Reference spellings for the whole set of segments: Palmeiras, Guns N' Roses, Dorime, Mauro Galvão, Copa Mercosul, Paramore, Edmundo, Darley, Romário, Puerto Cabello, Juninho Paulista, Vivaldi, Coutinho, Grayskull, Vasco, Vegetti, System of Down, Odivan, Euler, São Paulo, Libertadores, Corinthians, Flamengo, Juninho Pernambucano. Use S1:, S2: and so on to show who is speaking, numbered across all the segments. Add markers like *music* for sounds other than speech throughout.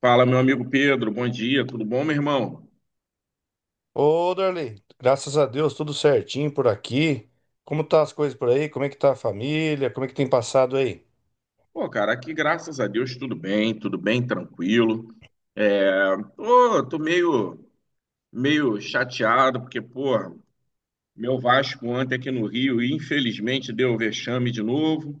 S1: Fala, meu amigo Pedro, bom dia, tudo bom, meu irmão?
S2: Ô, Darley, graças a Deus, tudo certinho por aqui. Como tá as coisas por aí? Como é que tá a família? Como é que tem passado aí?
S1: Pô, cara, aqui graças a Deus tudo bem, tranquilo. Tô meio chateado porque, pô, meu Vasco ontem aqui no Rio, infelizmente deu vexame de novo,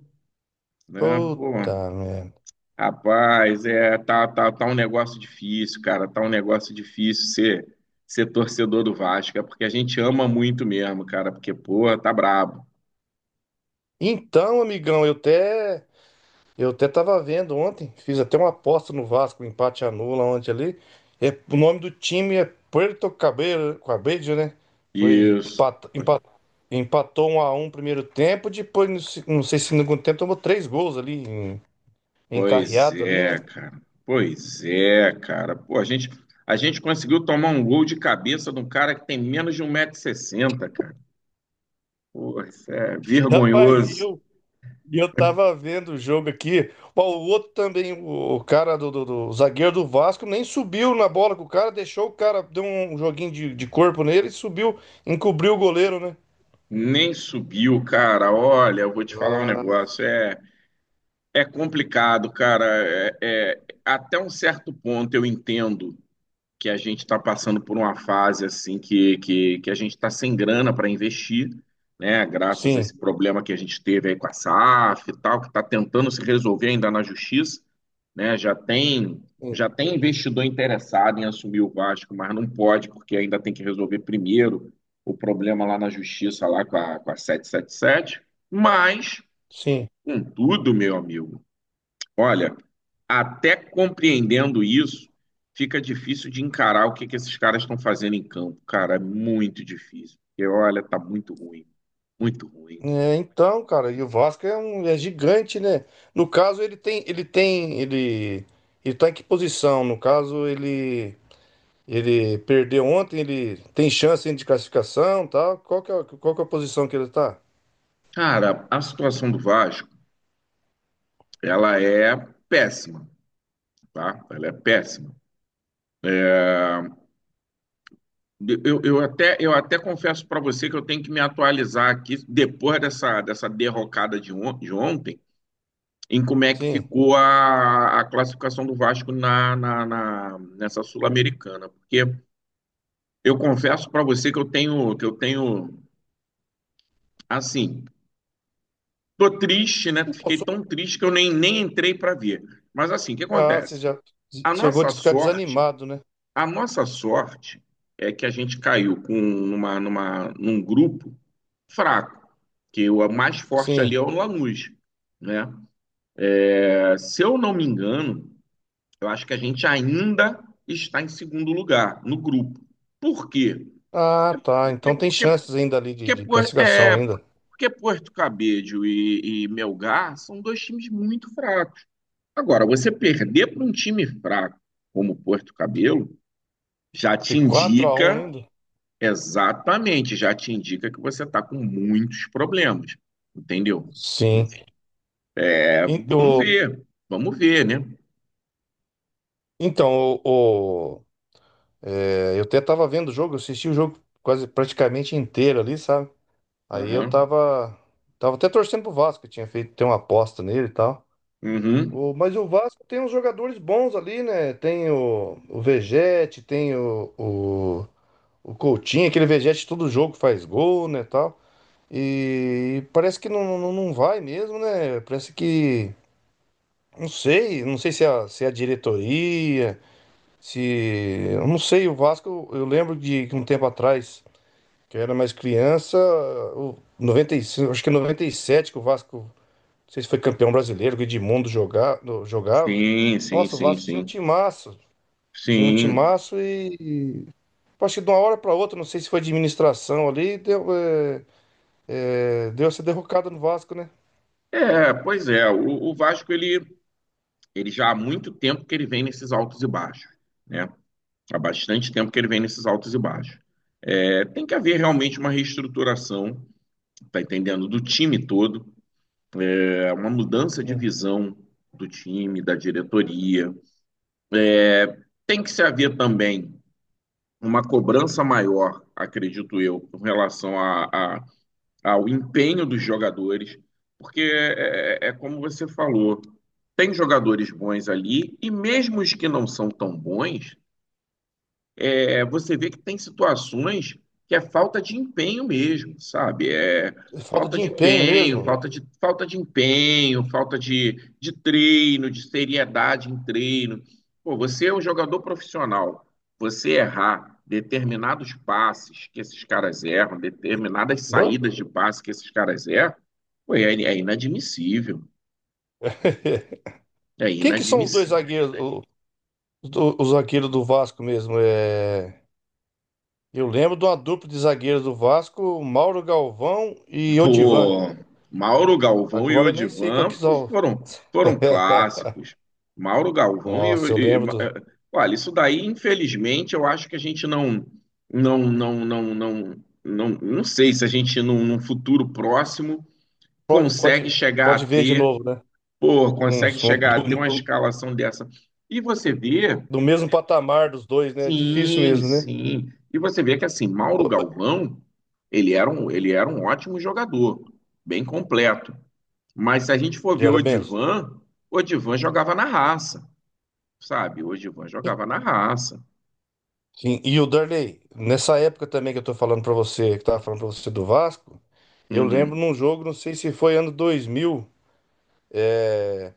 S1: né? Pô,
S2: Puta merda.
S1: rapaz, tá um negócio difícil, cara, tá um negócio difícil ser torcedor do Vasco, é porque a gente ama muito mesmo, cara, porque, pô, tá brabo.
S2: Então, amigão, eu até tava vendo ontem, fiz até uma aposta no Vasco, um empate anula ontem ali. É, o nome do time é Puerto Cabello, Cabello, né? Foi
S1: Isso.
S2: empatou 1-1 primeiro tempo, depois não sei se no segundo tempo tomou três gols ali
S1: Pois
S2: encarreado ali, né?
S1: é, cara. Pois é, cara. Pô, a gente conseguiu tomar um gol de cabeça de um cara que tem menos de um 160 60, cara. Pô, isso é
S2: *laughs* Rapaz, e
S1: vergonhoso.
S2: eu E eu tava vendo o jogo aqui. Ó, o outro também, o cara o zagueiro do Vasco, nem subiu na bola com o cara, deixou o cara, deu um joguinho de corpo nele e subiu, encobriu o goleiro, né?
S1: Nem subiu, cara. Olha, eu vou te falar um
S2: Ah,
S1: negócio. É complicado, cara. Até um certo ponto eu entendo que a gente está passando por uma fase assim que a gente está sem grana para investir, né? Graças a
S2: sim,
S1: esse problema que a gente teve aí com a SAF e tal, que está tentando se resolver ainda na justiça, né? Já tem
S2: sim.
S1: já tem investidor interessado em assumir o Vasco, mas não pode porque ainda tem que resolver primeiro o problema lá na justiça lá com a 777. Mas,
S2: sim.
S1: contudo, meu amigo, olha, até compreendendo isso, fica difícil de encarar o que que esses caras estão fazendo em campo. Cara, é muito difícil. Porque, olha, tá muito ruim. Muito ruim.
S2: É, então, cara, e o Vasco é gigante, né? No caso, ele tá em que posição? No caso, ele perdeu ontem, ele tem chance ainda de classificação, tal. Qual que é a posição que ele tá?
S1: Cara, a situação do Vasco, ela é péssima, tá? Ela é péssima. Eu até confesso para você que eu tenho que me atualizar aqui, depois dessa derrocada de ontem, em como é que
S2: Sim.
S1: ficou a classificação do Vasco nessa Sul-Americana. Porque eu confesso para você que eu tenho, assim, tô triste, né?
S2: Pô,
S1: Fiquei tão triste que eu nem entrei para ver. Mas assim, o que
S2: ah, você
S1: acontece?
S2: já
S1: A
S2: chegou
S1: nossa
S2: de ficar
S1: sorte,
S2: desanimado, né?
S1: a nossa sorte é que a gente caiu num grupo fraco, que o mais forte
S2: Sim.
S1: ali é o Lanús, né? Se eu não me engano, eu acho que a gente ainda está em segundo lugar no grupo. Por quê?
S2: Ah, tá.
S1: Porque,
S2: Então tem
S1: porque
S2: chances
S1: Porque,
S2: ainda ali de
S1: Por-
S2: classificação
S1: é,
S2: ainda.
S1: porque Porto Cabedelo e Melgar são dois times muito fracos. Agora, você perder para um time fraco como Porto Cabedelo já
S2: De
S1: te
S2: 4-1
S1: indica,
S2: ainda?
S1: exatamente, já te indica que você está com muitos problemas, entendeu? Então,
S2: Sim.
S1: assim,
S2: En-
S1: vamos
S2: o-
S1: ver, vamos ver, né?
S2: Então, é, eu até tava vendo o jogo, eu assisti o jogo quase praticamente inteiro ali, sabe? Aí eu
S1: Aham.
S2: tava até torcendo pro Vasco, eu tinha feito ter uma aposta nele e tal.
S1: Uhum.
S2: Mas o Vasco tem uns jogadores bons ali, né? Tem o Vegetti, tem o Coutinho, aquele vegete, todo jogo faz gol, né, tal. E parece que não, não, não vai mesmo, né? Parece que. Não sei se é a diretoria, se. Eu não sei, o Vasco, eu lembro de que um tempo atrás, que eu era mais criança, o 95 acho que em 97 que o Vasco, não sei se foi campeão brasileiro, que o Edmundo jogava.
S1: Sim, sim,
S2: Nossa, o
S1: sim,
S2: Vasco tinha um
S1: sim.
S2: timaço. Tinha um
S1: Sim.
S2: timaço e tipo, acho que de uma hora para outra, não sei se foi administração ali, deu essa derrocada no Vasco, né?
S1: Pois é, o Vasco, ele já há muito tempo que ele vem nesses altos e baixos, né? Há bastante tempo que ele vem nesses altos e baixos. Tem que haver realmente uma reestruturação, tá entendendo, do time todo, uma mudança de
S2: Sim.
S1: visão do time, da diretoria. Tem que se haver também uma cobrança maior, acredito eu, com relação a, ao empenho dos jogadores, porque é como você falou, tem jogadores bons ali, e mesmo os que não são tão bons, você vê que tem situações que é falta de empenho mesmo, sabe? É
S2: Falta
S1: falta
S2: de
S1: de
S2: empenho
S1: empenho,
S2: mesmo.
S1: falta de empenho, falta de treino, de seriedade em treino. Pô, você é um jogador profissional. Você errar determinados passes que esses caras erram, determinadas
S2: Norm-
S1: saídas de passe que esses caras erram, pô, é inadmissível.
S2: *laughs*
S1: É
S2: Quem que são os dois
S1: inadmissível.
S2: zagueiros, os zagueiros do Vasco mesmo? É, eu lembro de uma dupla de zagueiros do Vasco, Mauro Galvão e Odivan.
S1: Pô, Mauro Galvão e
S2: Agora eu nem sei qual
S1: Odivan
S2: que são.
S1: foram
S2: *laughs*
S1: clássicos. Mauro Galvão
S2: Nossa, eu lembro do.
S1: olha, isso daí, infelizmente, eu acho que a gente não, não, não, não, não sei se a gente num futuro próximo
S2: Pode,
S1: consegue
S2: pode,
S1: chegar a
S2: pode ver de
S1: ter,
S2: novo, né?
S1: pô, consegue
S2: Uns- um- do,
S1: chegar a ter uma
S2: do-
S1: escalação dessa. E você vê,
S2: do mesmo patamar dos dois, né? É difícil
S1: sim,
S2: mesmo, né?
S1: sim. E você vê que assim, Mauro Galvão, ele era um ótimo jogador, bem completo. Mas se a gente for ver
S2: Era mesmo.
S1: O Odivan jogava na raça, sabe? O Odivan jogava na raça.
S2: Sim, e o Darley, nessa época também que eu tô falando pra você, que eu tava falando pra você do Vasco, eu lembro
S1: Uhum,
S2: num jogo, não sei se foi ano 2000, é,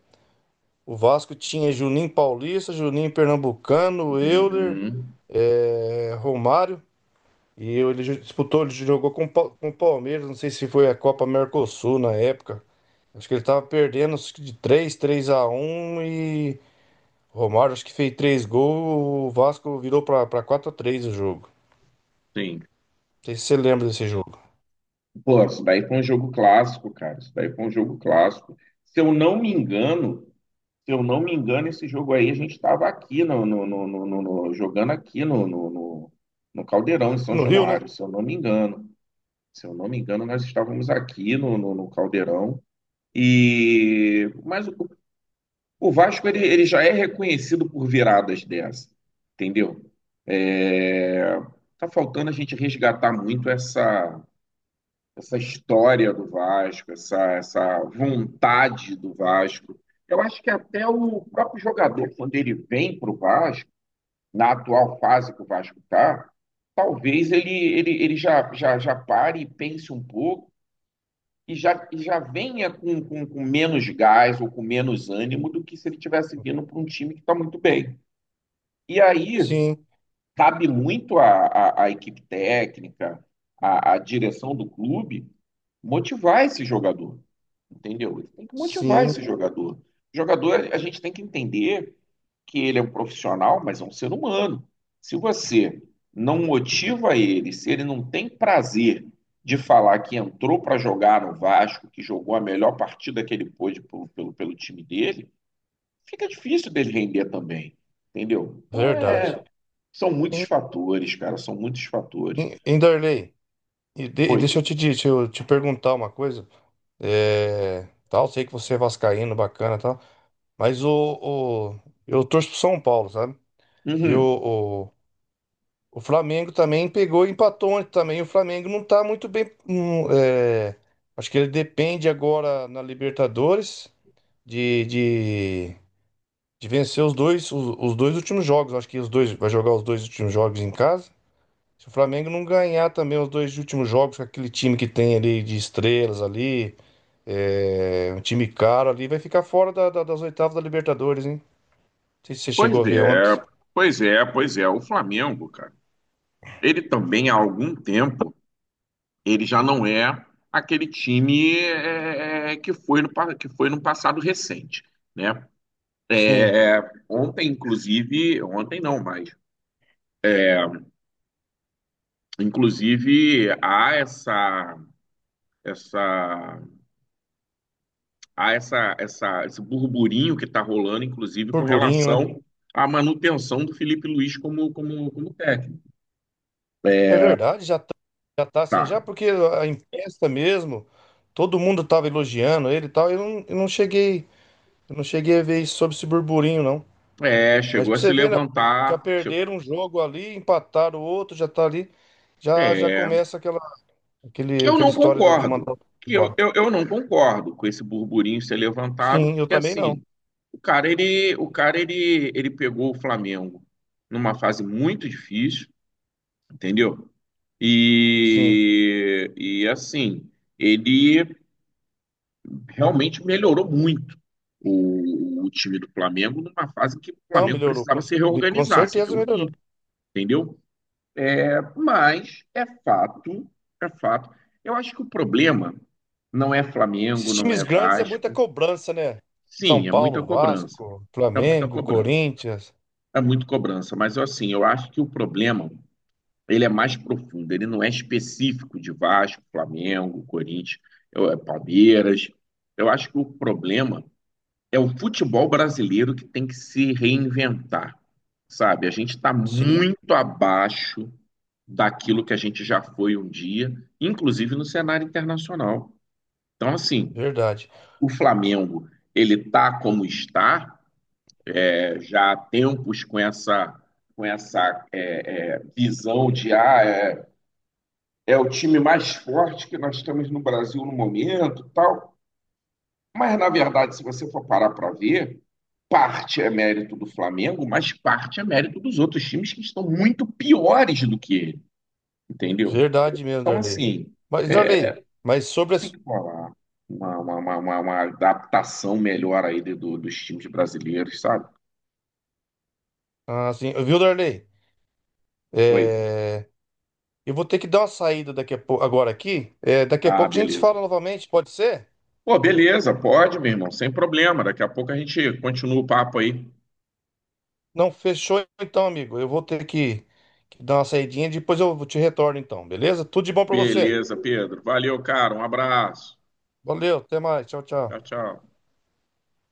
S2: o Vasco tinha Juninho Paulista, Juninho Pernambucano, Euler,
S1: uhum,
S2: é, Romário, e ele disputou, ele jogou com o Palmeiras, não sei se foi a Copa Mercosul na época, acho que ele tava perdendo acho que de três a um e o Romário acho que fez 3 gols, o Vasco virou pra 4-3 o jogo.
S1: sim.
S2: Não sei se você lembra desse jogo.
S1: Pô, isso daí foi um jogo clássico, cara. Isso daí foi um jogo clássico. Se eu não me engano, se eu não me engano, esse jogo aí a gente estava aqui jogando aqui no Caldeirão, em São
S2: No Rio, né?
S1: Januário, se eu não me engano. Se eu não me engano, nós estávamos aqui no Caldeirão. E mas o O Vasco ele já é reconhecido por viradas dessa, entendeu? É, tá faltando a gente resgatar muito essa história do Vasco, essa vontade do Vasco. Eu acho que até o próprio jogador, quando ele vem para o Vasco, na atual fase que o Vasco está, talvez ele já pare e pense um pouco e já venha com menos gás ou com menos ânimo do que se ele tivesse vindo para um time que está muito bem. E aí
S2: Sim,
S1: cabe muito à equipe técnica, à direção do clube, motivar esse jogador, entendeu? Tem que motivar
S2: sim,
S1: esse jogador. O jogador, a gente tem que entender que ele é um profissional, mas é um ser humano. Se você não motiva ele, se ele não tem prazer de falar que entrou para jogar no Vasco, que jogou a melhor partida que ele pôde pelo time dele, fica difícil dele render também, entendeu? Então
S2: verdade.
S1: são muitos
S2: Em,
S1: fatores, cara, são muitos fatores.
S2: em Darley, e
S1: Oi.
S2: deixa eu te perguntar uma coisa. É, tal, sei que você é vascaíno, bacana, e tal, mas o eu torço pro São Paulo, sabe? E o,
S1: Uhum.
S2: o, o Flamengo também pegou e empatou ontem também. O Flamengo não tá muito bem. Acho que ele depende agora na Libertadores de, de De vencer os dois últimos jogos. Acho que os dois vai jogar os dois últimos jogos em casa. Se o Flamengo não ganhar também os dois últimos jogos com aquele time que tem ali de estrelas ali, um time caro ali, vai ficar fora das oitavas da Libertadores, hein? Não sei se você chegou a
S1: Pois
S2: ver ontem.
S1: é, pois é, pois é. O Flamengo, cara. Ele também, há algum tempo, ele já não é aquele time que foi no passado recente, né?
S2: Sim,
S1: É, Ontem, inclusive, ontem não, mas inclusive essa há essa, essa esse burburinho que está rolando, inclusive, com
S2: burburinho, né?
S1: relação à manutenção do Felipe Luiz como técnico.
S2: É verdade, já tá assim,
S1: Tá.
S2: já porque a imprensa mesmo, todo mundo tava elogiando ele e tal, eu não cheguei a ver isso sobre esse burburinho, não. Mas
S1: Chegou
S2: pra
S1: a se
S2: você ver, né? Já
S1: levantar, chegou,
S2: perderam um jogo ali, empataram o outro, já tá ali. Já começa aquela,
S1: que
S2: aquele,
S1: eu
S2: aquela
S1: não
S2: história de
S1: concordo,
S2: mandar o time
S1: que eu,
S2: embora.
S1: eu, eu não concordo com esse burburinho ser levantado,
S2: Sim, eu
S1: porque
S2: também não.
S1: assim, o cara ele pegou o Flamengo numa fase muito difícil, entendeu?
S2: Sim.
S1: E assim, ele realmente melhorou muito o time do Flamengo numa fase em que o
S2: Não,
S1: Flamengo
S2: melhorou. Com,
S1: precisava se
S2: com
S1: reorganizar, se
S2: certeza melhorou.
S1: reunir, entendeu? Mas é fato, é fato. Eu acho que o problema não é
S2: Esses
S1: Flamengo, não
S2: times
S1: é
S2: grandes é muita
S1: Vasco.
S2: cobrança, né? São
S1: Sim, é muita
S2: Paulo,
S1: cobrança.
S2: Vasco,
S1: É muita
S2: Flamengo,
S1: cobrança.
S2: Corinthians.
S1: É muito cobrança, mas assim, eu acho que o problema, ele é mais profundo, ele não é específico de Vasco, Flamengo, Corinthians, é Palmeiras. Eu acho que o problema é o futebol brasileiro que tem que se reinventar, sabe? A gente está
S2: Sim,
S1: muito abaixo daquilo que a gente já foi um dia, inclusive no cenário internacional. Então, assim,
S2: verdade.
S1: o Flamengo, ele está como está, já há tempos com essa visão de é o time mais forte que nós temos no Brasil no momento, tal. Mas, na verdade, se você for parar para ver, parte é mérito do Flamengo, mas parte é mérito dos outros times que estão muito piores do que ele, entendeu?
S2: Verdade mesmo,
S1: Então,
S2: Darley.
S1: assim,
S2: Mas, Darley, mas sobre.
S1: tem
S2: as-
S1: que rolar uma adaptação melhor aí dos times brasileiros, sabe?
S2: Ah, sim, viu, Darley?
S1: Oi.
S2: É. Eu vou ter que dar uma saída daqui a pouco, agora aqui. É, daqui a
S1: Ah,
S2: pouco a gente se
S1: beleza.
S2: fala novamente, pode ser?
S1: Pô, beleza, pode, meu irmão, sem problema. Daqui a pouco a gente continua o papo aí.
S2: Não, fechou então, amigo. Eu vou ter que dar uma saidinha, depois eu te retorno então, beleza? Tudo de bom pra você.
S1: Beleza, Pedro. Valeu, cara. Um abraço.
S2: Valeu, até mais. Tchau,
S1: Tchau,
S2: tchau.
S1: tchau.